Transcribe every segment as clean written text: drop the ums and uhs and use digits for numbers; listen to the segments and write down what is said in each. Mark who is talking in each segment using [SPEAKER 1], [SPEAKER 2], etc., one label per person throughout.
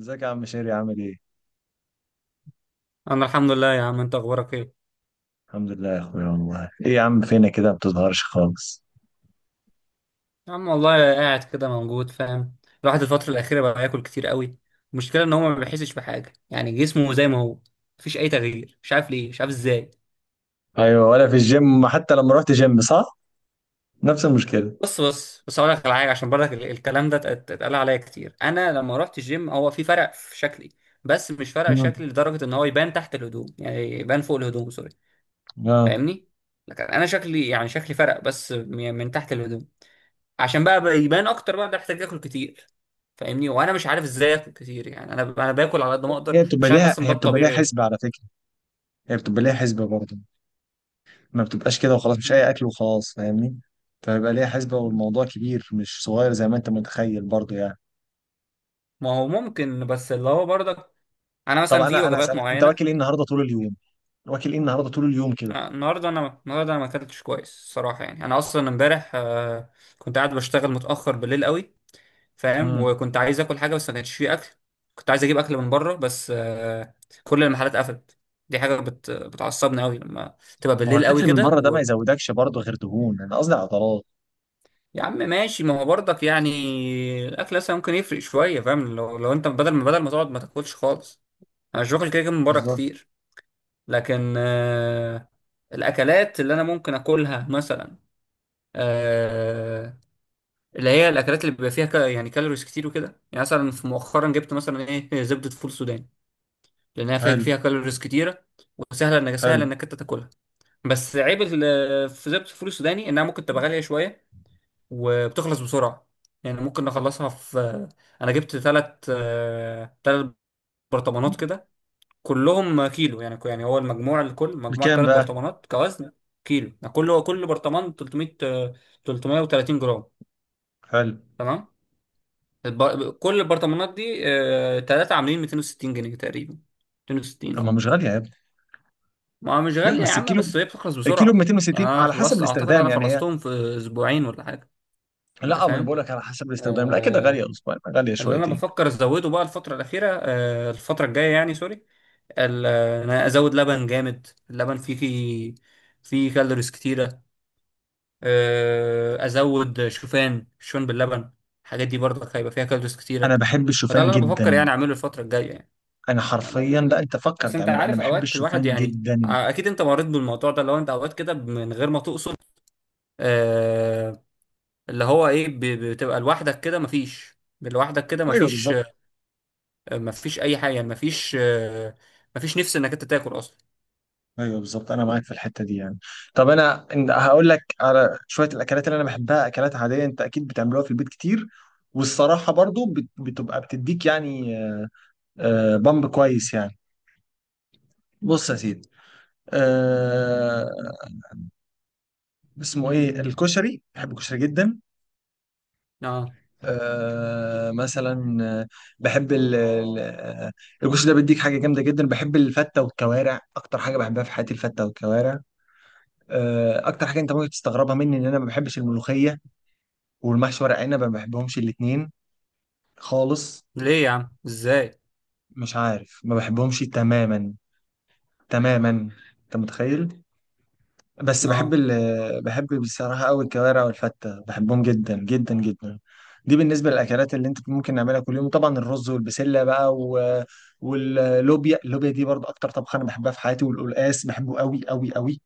[SPEAKER 1] ازيك يا عم شيري عامل ايه؟
[SPEAKER 2] انا الحمد لله يا عم. انت اخبارك ايه؟
[SPEAKER 1] الحمد لله يا اخويا، والله ايه يا عم فينا كده ما بتظهرش خالص.
[SPEAKER 2] يا عم والله قاعد كده موجود، فاهم. الواحد الفتره الاخيره بقى ياكل كتير قوي. المشكله ان هو ما بيحسش بحاجه، يعني جسمه زي ما هو، مفيش اي تغيير. مش عارف ليه، مش عارف ازاي.
[SPEAKER 1] ايوه، ولا في الجيم حتى لما رحت جيم صح؟ نفس المشكلة.
[SPEAKER 2] بص بس اقول لك على حاجه، عشان برضك الكلام ده اتقال عليا كتير. انا لما رحت الجيم هو في فرق في شكلي، بس مش فرق
[SPEAKER 1] مم.
[SPEAKER 2] شكلي لدرجه ان هو يبان تحت الهدوم، يعني يبان فوق الهدوم. سوري.
[SPEAKER 1] اه.
[SPEAKER 2] فاهمني؟ لكن انا شكلي يعني شكلي فرق، بس من تحت الهدوم. عشان بقى يبان اكتر بقى، ده احتاج اكل كتير. فاهمني؟ وانا مش عارف ازاي اكل كتير، يعني انا باكل على قد ما اقدر.
[SPEAKER 1] هي بتبقى
[SPEAKER 2] مش عارف
[SPEAKER 1] ليها
[SPEAKER 2] اصلا ده
[SPEAKER 1] هي بتبقى ليها
[SPEAKER 2] الطبيعي
[SPEAKER 1] حسبة على فكرة. هي بتبقى ليها حسبة برضه. ما بتبقاش كده وخلاص، مش
[SPEAKER 2] مهم.
[SPEAKER 1] اي اكل وخلاص، فاهمني؟ فبيبقى ليها حسبة، والموضوع كبير مش صغير زي ما انت متخيل برضه يعني.
[SPEAKER 2] ما هو ممكن، بس اللي هو برضك انا
[SPEAKER 1] طب
[SPEAKER 2] مثلا في
[SPEAKER 1] انا
[SPEAKER 2] وجبات
[SPEAKER 1] هسألك انت
[SPEAKER 2] معينه.
[SPEAKER 1] واكل ايه النهارده طول اليوم؟ واكل ايه النهارده طول اليوم كده؟
[SPEAKER 2] النهارده، انا النهارده انا ما اكلتش كويس الصراحه. يعني انا اصلا امبارح كنت قاعد بشتغل متاخر بالليل قوي. فاهم؟
[SPEAKER 1] مم.
[SPEAKER 2] وكنت عايز اكل حاجه بس ما كانش فيه اكل. كنت عايز اجيب اكل من بره، بس كل المحلات قفلت. دي حاجه بتعصبني قوي لما تبقى
[SPEAKER 1] ما هو
[SPEAKER 2] بالليل قوي
[SPEAKER 1] الاكل من
[SPEAKER 2] كده.
[SPEAKER 1] بره ده ما يزودكش برضه غير دهون، انا قصدي عضلات.
[SPEAKER 2] يا عم ماشي، ما هو برضك يعني الاكل اصلا ممكن يفرق شويه. فاهم؟ لو انت بدل ما تقعد ما تاكلش خالص. انا مش باكل كده كده من بره
[SPEAKER 1] بالظبط.
[SPEAKER 2] كتير، لكن آه، الاكلات اللي انا ممكن اكلها مثلا، آه، اللي هي الاكلات اللي بيبقى فيها يعني كالوريز كتير وكده. يعني مثلا في مؤخرا جبت مثلا ايه، زبده فول سوداني، لانها فيها
[SPEAKER 1] حلو.
[SPEAKER 2] فيها كالوريز كتيره، وسهله سهل
[SPEAKER 1] حلو.
[SPEAKER 2] انك انت تاكلها. بس عيب في زبده الفول السوداني انها ممكن تبقى غاليه شويه، وبتخلص بسرعة. يعني ممكن نخلصها في، أنا جبت تلات تلات برطمانات كده، كلهم كيلو. يعني يعني هو المجموع، الكل مجموع
[SPEAKER 1] بكام
[SPEAKER 2] تلات
[SPEAKER 1] بقى؟
[SPEAKER 2] برطمانات كوزن كيلو. يعني كل برطمان 300، 330 جرام.
[SPEAKER 1] حلو.
[SPEAKER 2] تمام. كل البرطمانات دي تلاتة عاملين 260 جنيه تقريبا. 260،
[SPEAKER 1] طب ما
[SPEAKER 2] اه.
[SPEAKER 1] مش غالية يا ابني.
[SPEAKER 2] ما مش
[SPEAKER 1] لا
[SPEAKER 2] غالية يا
[SPEAKER 1] بس
[SPEAKER 2] عم،
[SPEAKER 1] الكيلو،
[SPEAKER 2] بس هي بتخلص
[SPEAKER 1] الكيلو ب
[SPEAKER 2] بسرعة. يعني
[SPEAKER 1] 260
[SPEAKER 2] أنا
[SPEAKER 1] على حسب
[SPEAKER 2] خلصت، أعتقد
[SPEAKER 1] الاستخدام
[SPEAKER 2] أنا
[SPEAKER 1] يعني هي.
[SPEAKER 2] خلصتهم في أسبوعين ولا حاجة. أنت
[SPEAKER 1] لا ما انا
[SPEAKER 2] فاهم؟
[SPEAKER 1] بقول لك على حسب الاستخدام، لا كده
[SPEAKER 2] آه،
[SPEAKER 1] غالية اسبوع، غالية
[SPEAKER 2] اللي انا
[SPEAKER 1] شويتين.
[SPEAKER 2] بفكر ازوده بقى الفتره الاخيره، الفتره الجايه يعني. سوري. انا ازود لبن جامد. اللبن فيه فيه كالوريز كتيره. ازود شوفان، شوفان باللبن. الحاجات دي برضك هيبقى فيها كالوريز كتيره.
[SPEAKER 1] انا بحب
[SPEAKER 2] فده
[SPEAKER 1] الشوفان
[SPEAKER 2] اللي انا بفكر
[SPEAKER 1] جدا.
[SPEAKER 2] يعني اعمله الفتره الجايه يعني.
[SPEAKER 1] انا حرفيا لا،
[SPEAKER 2] يعني
[SPEAKER 1] انت فكر
[SPEAKER 2] بس انت
[SPEAKER 1] تعمل، انا
[SPEAKER 2] عارف
[SPEAKER 1] بحب
[SPEAKER 2] اوقات الواحد
[SPEAKER 1] الشوفان
[SPEAKER 2] يعني،
[SPEAKER 1] جدا.
[SPEAKER 2] اكيد انت مريت بالموضوع ده، لو انت اوقات كده من غير ما تقصد، آه، اللي هو ايه، بتبقى لوحدك كده مفيش، لوحدك كده
[SPEAKER 1] ايوه
[SPEAKER 2] مفيش
[SPEAKER 1] بالظبط.
[SPEAKER 2] ما فيش اي حاجه. يعني ما فيش، نفس انك انت تاكل اصلا.
[SPEAKER 1] ايوه بالظبط، انا معاك في الحتة دي يعني. طب انا هقول لك على شوية الاكلات اللي انا بحبها، اكلات عادية انت اكيد بتعملوها في البيت كتير. والصراحة برضو بتبقى بتديك يعني بامب كويس يعني. بص يا سيدي. آه اسمه ايه الكشري، بحب الكشري جدا.
[SPEAKER 2] اه.
[SPEAKER 1] مثلا بحب الكشري ده بيديك حاجه جامده جدا. بحب الفته والكوارع اكتر حاجه بحبها في حياتي، الفته والكوارع. اكتر حاجه انت ممكن تستغربها مني ان انا ما بحبش الملوخيه والمحشي ورق عنب، ما بحبهمش الاثنين خالص.
[SPEAKER 2] ليه يا عم؟ ازاي؟
[SPEAKER 1] مش عارف، ما بحبهمش تماما. تماما. انت متخيل؟ بس بحب
[SPEAKER 2] اه.
[SPEAKER 1] ال بحب بصراحة أوي الكوارع والفتة، بحبهم جدا جدا جدا. دي بالنسبة للأكلات اللي أنت ممكن نعملها كل يوم، طبعا الرز والبسلة بقى واللوبيا دي برضه أكتر طبخة أنا بحبها في حياتي، والقلقاس بحبه أوي أوي أوي.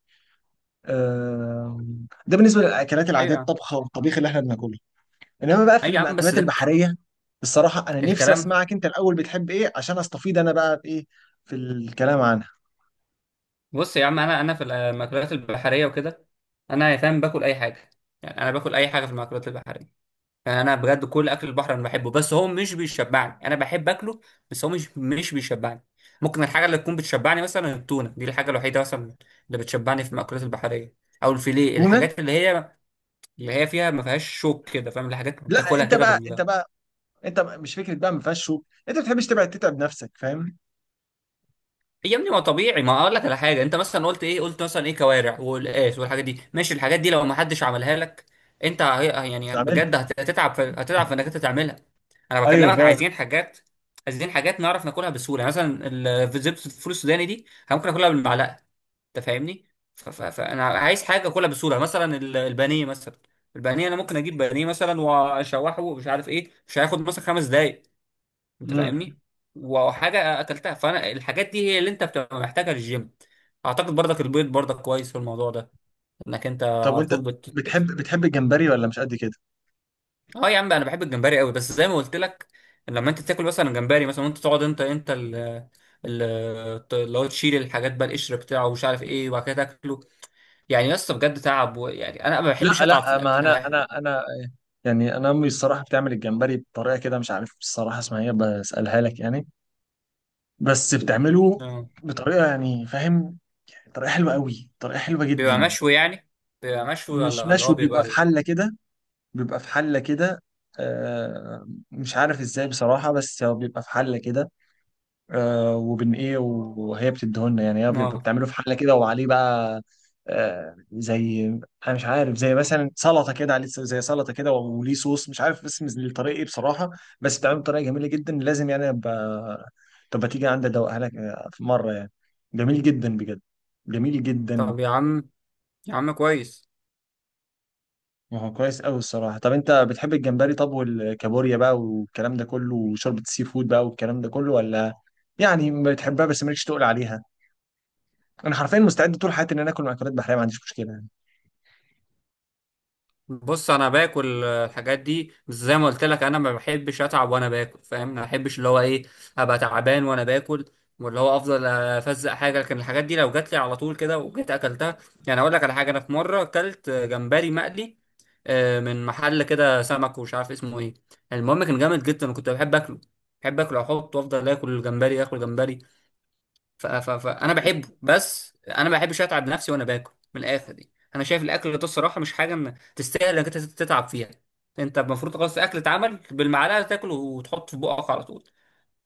[SPEAKER 1] ده بالنسبة للأكلات
[SPEAKER 2] ايوه
[SPEAKER 1] العادية،
[SPEAKER 2] يا عم.
[SPEAKER 1] الطبخة والطبيخ اللي إحنا بناكله. إنما بقى في
[SPEAKER 2] ايوه يا عم بس
[SPEAKER 1] المأكولات
[SPEAKER 2] دك
[SPEAKER 1] البحرية، الصراحة أنا نفسي
[SPEAKER 2] الكلام.
[SPEAKER 1] أسمعك أنت الأول بتحب إيه عشان أستفيد أنا بقى بإيه في الكلام عنها.
[SPEAKER 2] بص يا عم، انا في المأكولات البحريه وكده انا يا فاهم باكل اي حاجه. يعني انا باكل اي حاجه في المأكولات البحريه. يعني انا بجد كل اكل البحر انا بحبه، بس هو مش بيشبعني. انا بحب اكله، بس هو مش بيشبعني. ممكن الحاجه اللي تكون بتشبعني مثلا التونه، دي الحاجه الوحيده مثلا اللي بتشبعني في المأكولات البحريه. او الفيليه،
[SPEAKER 1] التونة.
[SPEAKER 2] الحاجات اللي هي فيها ما فيهاش شوك كده. فاهم؟ اللي حاجات
[SPEAKER 1] لا
[SPEAKER 2] بتاكلها
[SPEAKER 1] أنت
[SPEAKER 2] كده
[SPEAKER 1] بقى، أنت
[SPEAKER 2] بال...
[SPEAKER 1] بقى انت مش فكره بقى ما فيهاش شوك، انت ما بتحبش تبعد تتعب نفسك فاهم.
[SPEAKER 2] هي يا ابني ما طبيعي. ما اقول لك على حاجه، انت مثلا قلت ايه؟ قلت مثلا ايه، كوارع والقاس والحاجات دي. ماشي، الحاجات دي لو ما حدش عملها لك انت
[SPEAKER 1] مش
[SPEAKER 2] يعني
[SPEAKER 1] عملت.
[SPEAKER 2] بجد هتتعب هتتعب في انك انت تعملها. انا
[SPEAKER 1] ايوه
[SPEAKER 2] بكلمك،
[SPEAKER 1] فعلا.
[SPEAKER 2] عايزين حاجات نعرف ناكلها بسهوله. مثلا زبده الفول السوداني دي أنا ممكن اكلها بالمعلقه. انت فاهمني؟ فانا عايز حاجه اكلها بسهوله، مثلا البانيه مثلا. البانيه انا ممكن اجيب بانيه مثلا واشوحه، ومش عارف ايه، مش هياخد مثلا خمس دقايق. انت
[SPEAKER 1] امم
[SPEAKER 2] فاهمني؟ وحاجه اكلتها، فانا الحاجات دي هي اللي انت بتبقى محتاجها للجيم. اعتقد برضك البيض برضك كويس في الموضوع ده. انك انت
[SPEAKER 1] طب
[SPEAKER 2] على
[SPEAKER 1] وانت
[SPEAKER 2] طول بت...
[SPEAKER 1] بتحب الجمبري ولا مش قد كده؟
[SPEAKER 2] اه يا عم، انا بحب الجمبري قوي، بس زي ما قلت لك، لما انت تاكل مثلا جمبري مثلا، وانت تقعد، ال- اللي هو تشيل الحاجات بقى، القشر بتاعه ومش عارف ايه، وبعد كده تاكله. يعني يا اسطى بجد تعب و... يعني انا ما بحبش
[SPEAKER 1] لا
[SPEAKER 2] اتعب في
[SPEAKER 1] لا، ما
[SPEAKER 2] الاكل.
[SPEAKER 1] انا
[SPEAKER 2] انا بحب...
[SPEAKER 1] انا انا يعني انا امي الصراحه بتعمل الجمبري بطريقه كده، مش عارف الصراحه اسمها ايه، بسالها لك يعني. بس بتعمله
[SPEAKER 2] آه.
[SPEAKER 1] بطريقه يعني فاهم، طريقه حلوه قوي، طريقه حلوه
[SPEAKER 2] بيبقى
[SPEAKER 1] جدا.
[SPEAKER 2] مشوي يعني؟ بيبقى مشوي
[SPEAKER 1] مش
[SPEAKER 2] ولا اللي هو
[SPEAKER 1] مشوي، بيبقى في
[SPEAKER 2] بيبقى؟
[SPEAKER 1] حله كده. بيبقى في حله كده. مش عارف ازاي بصراحه، بس هو بيبقى في حله كده. وبن ايه وهي بتديهولنا يعني، هي بتبقى
[SPEAKER 2] اه.
[SPEAKER 1] بتعمله في حله كده وعليه بقى زي، انا مش عارف زي مثلا سلطه كده عليه، زي سلطه كده وليه صوص، مش عارف اسم الطريقه ايه بصراحه. بس بتعمله بطريقه جميله جدا، لازم يعني ابقى. طب ما تيجي عندي ادوقها لك في مره يعني. جميل جدا بجد، جميل جدا.
[SPEAKER 2] طب يا عم، يا عم كويس.
[SPEAKER 1] ما هو كويس قوي الصراحه. طب انت بتحب الجمبري، طب والكابوريا بقى والكلام ده كله، وشوربه السي فود بقى والكلام ده كله، ولا يعني بتحبها بس مالكش تقول عليها؟ انا حرفيا مستعد طول حياتي ان انا اكل مأكولات بحرية، ما عنديش مشكلة يعني.
[SPEAKER 2] بص انا باكل الحاجات دي، بس زي ما قلت لك انا ما بحبش اتعب وانا باكل. فاهم؟ ما بحبش اللي هو ايه، ابقى تعبان وانا باكل. واللي هو افضل افزق حاجه. لكن الحاجات دي لو جات لي على طول كده وجيت اكلتها. يعني اقول لك على حاجه، انا في مره اكلت جمبري مقلي من محل كده سمك ومش عارف اسمه ايه. المهم كان جامد جدا وكنت بحب اكله. بحب اكله، احط وافضل اكل الجمبري، اكل جمبري. فانا بحبه، بس انا ما بحبش اتعب نفسي وانا باكل. من الاخر دي انا شايف الاكل ده الصراحه مش حاجه تستاهل انك انت تتعب فيها. انت المفروض خلاص الاكل اتعمل بالمعلقه، تاكله وتحط في بقك على طول.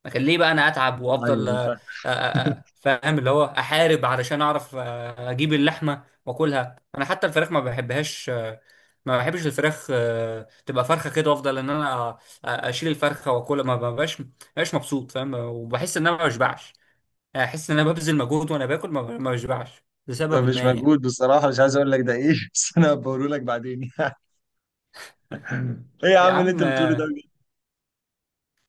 [SPEAKER 2] لكن ليه بقى انا اتعب وافضل
[SPEAKER 1] ايوه فاهم.
[SPEAKER 2] فاهم اللي هو احارب علشان اعرف اجيب اللحمه واكلها. انا حتى الفراخ ما بحبهاش، ما بحبش الفراخ. تبقى فرخه كده وافضل ان انا اشيل الفرخه واكلها. ما ببقاش مبسوط. فاهم؟ وبحس ان انا ما بشبعش. احس ان انا ببذل مجهود وانا باكل، ما بشبعش
[SPEAKER 1] ده
[SPEAKER 2] لسبب
[SPEAKER 1] مش
[SPEAKER 2] ما يعني.
[SPEAKER 1] مجهود بصراحه، مش عايز اقول لك ده ايه بس انا بقوله لك بعدين يعني. ايه يا
[SPEAKER 2] يا
[SPEAKER 1] عم اللي انت
[SPEAKER 2] عم
[SPEAKER 1] بتقوله ده؟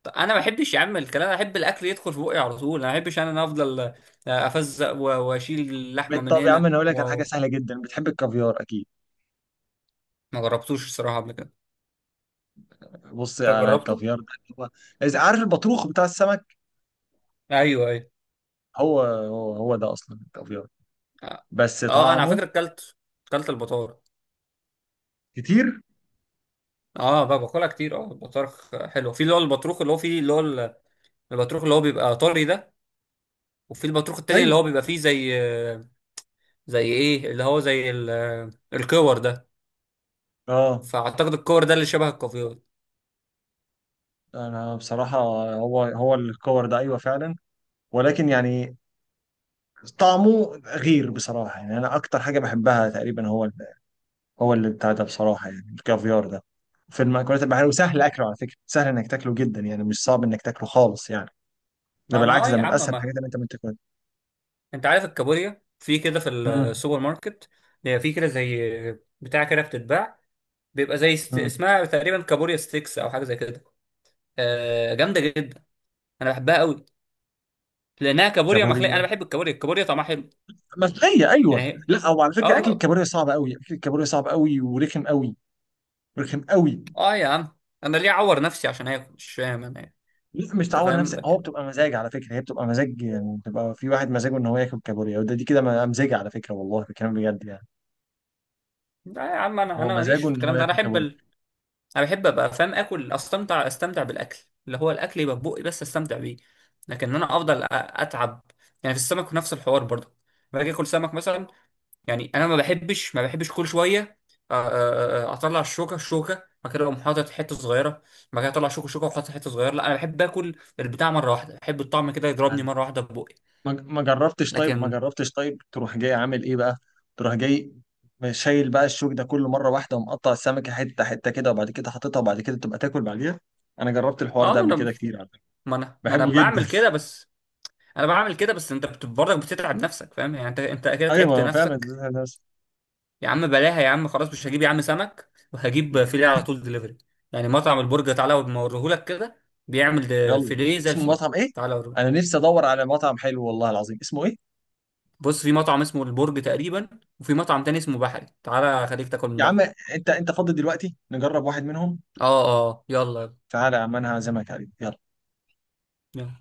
[SPEAKER 2] طب انا ما بحبش يا عم الكلام. انا احب الاكل يدخل في بقي على طول. انا ما بحبش، انا افضل افزق و... واشيل اللحمه
[SPEAKER 1] بجد؟
[SPEAKER 2] من
[SPEAKER 1] طب يا عم،
[SPEAKER 2] هنا
[SPEAKER 1] انا هقول لك على حاجة
[SPEAKER 2] و...
[SPEAKER 1] سهلة جدا، بتحب الكافيار اكيد؟
[SPEAKER 2] ما جربتوش الصراحه قبل كده.
[SPEAKER 1] بص،
[SPEAKER 2] انت
[SPEAKER 1] انا
[SPEAKER 2] جربته؟
[SPEAKER 1] الكافيار ده هو، إذا عارف البطروخ بتاع السمك.
[SPEAKER 2] ايوه، ايوه.
[SPEAKER 1] هو ده اصلا الكافيار،
[SPEAKER 2] اه.
[SPEAKER 1] بس
[SPEAKER 2] انا على
[SPEAKER 1] طعمه.
[SPEAKER 2] فكره اكلت، البطار...
[SPEAKER 1] كتير.
[SPEAKER 2] اه بقى باكلها كتير. اه، البطارخ حلو. في اللي هو البطروخ، اللي هو فيه اللي هو البطروخ اللي هو بيبقى طري ده، وفي البطروخ التاني اللي
[SPEAKER 1] ايوه.
[SPEAKER 2] هو بيبقى فيه زي ايه، اللي هو زي الكور ده.
[SPEAKER 1] اه.
[SPEAKER 2] فاعتقد الكور ده اللي شبه الكافيار.
[SPEAKER 1] انا بصراحة، هو الكور ده ايوه فعلا، ولكن يعني طعمه غير بصراحة. يعني انا اكتر حاجة بحبها تقريبا هو، هو اللي بتاع ده بصراحة، يعني الكافيار ده، في المأكولات البحرية، وسهل أكله على فكرة، سهل إنك تاكله جدا يعني، مش صعب إنك تاكله خالص يعني. ده
[SPEAKER 2] ما انا اه
[SPEAKER 1] بالعكس، ده
[SPEAKER 2] يا
[SPEAKER 1] من
[SPEAKER 2] عم،
[SPEAKER 1] أسهل
[SPEAKER 2] ما
[SPEAKER 1] الحاجات اللي أنت ممكن تاكلها.
[SPEAKER 2] انت عارف الكابوريا في كده في
[SPEAKER 1] مم.
[SPEAKER 2] السوبر ماركت، هي في كده زي بتاع كده بتتباع. بيبقى زي ست...
[SPEAKER 1] مم.
[SPEAKER 2] اسمها تقريبا كابوريا ستيكس او حاجه زي كده. آه، جامده جدا. انا بحبها قوي لانها كابوريا مخليه. انا
[SPEAKER 1] كابوريا،
[SPEAKER 2] بحب الكابوريا، الكابوريا طعمها حلو.
[SPEAKER 1] ملوخية، أيوه
[SPEAKER 2] يعني
[SPEAKER 1] أيوة.
[SPEAKER 2] هي
[SPEAKER 1] لا هو على فكرة أكل
[SPEAKER 2] اه.
[SPEAKER 1] الكابوريا صعب أوي، أكل الكابوريا صعب أوي ورخم أوي. رخم أوي.
[SPEAKER 2] اه يا عم، انا ليه اعور نفسي عشان اكل؟ مش فاهم انا إيه.
[SPEAKER 1] لا مش
[SPEAKER 2] انت
[SPEAKER 1] تعور
[SPEAKER 2] فاهم؟
[SPEAKER 1] نفسك، هو
[SPEAKER 2] لكن
[SPEAKER 1] بتبقى مزاج على فكرة، هي بتبقى مزاج يعني، بتبقى في واحد مزاجه إن هو ياكل كابوريا، وده دي كده مزاج على فكرة والله، بكلام بجد يعني.
[SPEAKER 2] لا يا عم، انا
[SPEAKER 1] هو
[SPEAKER 2] انا ماليش
[SPEAKER 1] مزاجه
[SPEAKER 2] في
[SPEAKER 1] إن هو
[SPEAKER 2] الكلام ده. انا
[SPEAKER 1] ياكل
[SPEAKER 2] احب،
[SPEAKER 1] كابوريا.
[SPEAKER 2] انا بحب ابقى فاهم، اكل، استمتع بالاكل. اللي هو الاكل يبقى في بقي بس استمتع بيه. لكن انا افضل اتعب. يعني في السمك نفس الحوار برضه. باجي اكل سمك مثلا، يعني انا ما بحبش كل شويه اطلع الشوكه، بعد كده اقوم حاطط حته صغيره. بعد كده اطلع شوكه واحط حته صغيره. لا انا بحب اكل البتاع مره واحده. بحب الطعم كده يضربني مره واحده في بقي.
[SPEAKER 1] ما جربتش طيب، ما
[SPEAKER 2] لكن
[SPEAKER 1] جربتش طيب تروح جاي عامل ايه بقى، تروح جاي شايل بقى الشوك ده كله مره واحده، ومقطع السمكه حته حته كده، وبعد كده حاططها، وبعد كده تبقى تاكل بعديها. انا جربت الحوار
[SPEAKER 2] اه.
[SPEAKER 1] ده
[SPEAKER 2] ما
[SPEAKER 1] قبل
[SPEAKER 2] انا
[SPEAKER 1] كده كتير على فكره،
[SPEAKER 2] ما انا ما انا
[SPEAKER 1] بحبه جدا.
[SPEAKER 2] بعمل كده. بس انا بعمل كده، بس انت برضك بتتعب نفسك. فاهم؟ يعني انت كده
[SPEAKER 1] ايوه ما
[SPEAKER 2] تعبت
[SPEAKER 1] هو فعلا
[SPEAKER 2] نفسك.
[SPEAKER 1] زيتها نفس.
[SPEAKER 2] يا عم بلاها يا عم، خلاص مش هجيب يا عم سمك، وهجيب فيليه على طول دليفري. يعني مطعم البرجر، تعالى اوريهولك كده، بيعمل ده
[SPEAKER 1] يلا،
[SPEAKER 2] فيليه زي
[SPEAKER 1] اسمه
[SPEAKER 2] الفل.
[SPEAKER 1] مطعم ايه؟
[SPEAKER 2] تعالى اوريهولك.
[SPEAKER 1] انا نفسي ادور على مطعم حلو والله العظيم، اسمه ايه؟
[SPEAKER 2] بص في مطعم اسمه البرج تقريبا، وفي مطعم تاني اسمه بحري، تعالى خليك تاكل من
[SPEAKER 1] يا عم
[SPEAKER 2] بحري.
[SPEAKER 1] انت فاضي دلوقتي نجرب واحد منهم؟
[SPEAKER 2] اه. اه يلا.
[SPEAKER 1] تعالى يا عم انا هعزمك عليه يلا.
[SPEAKER 2] يلا.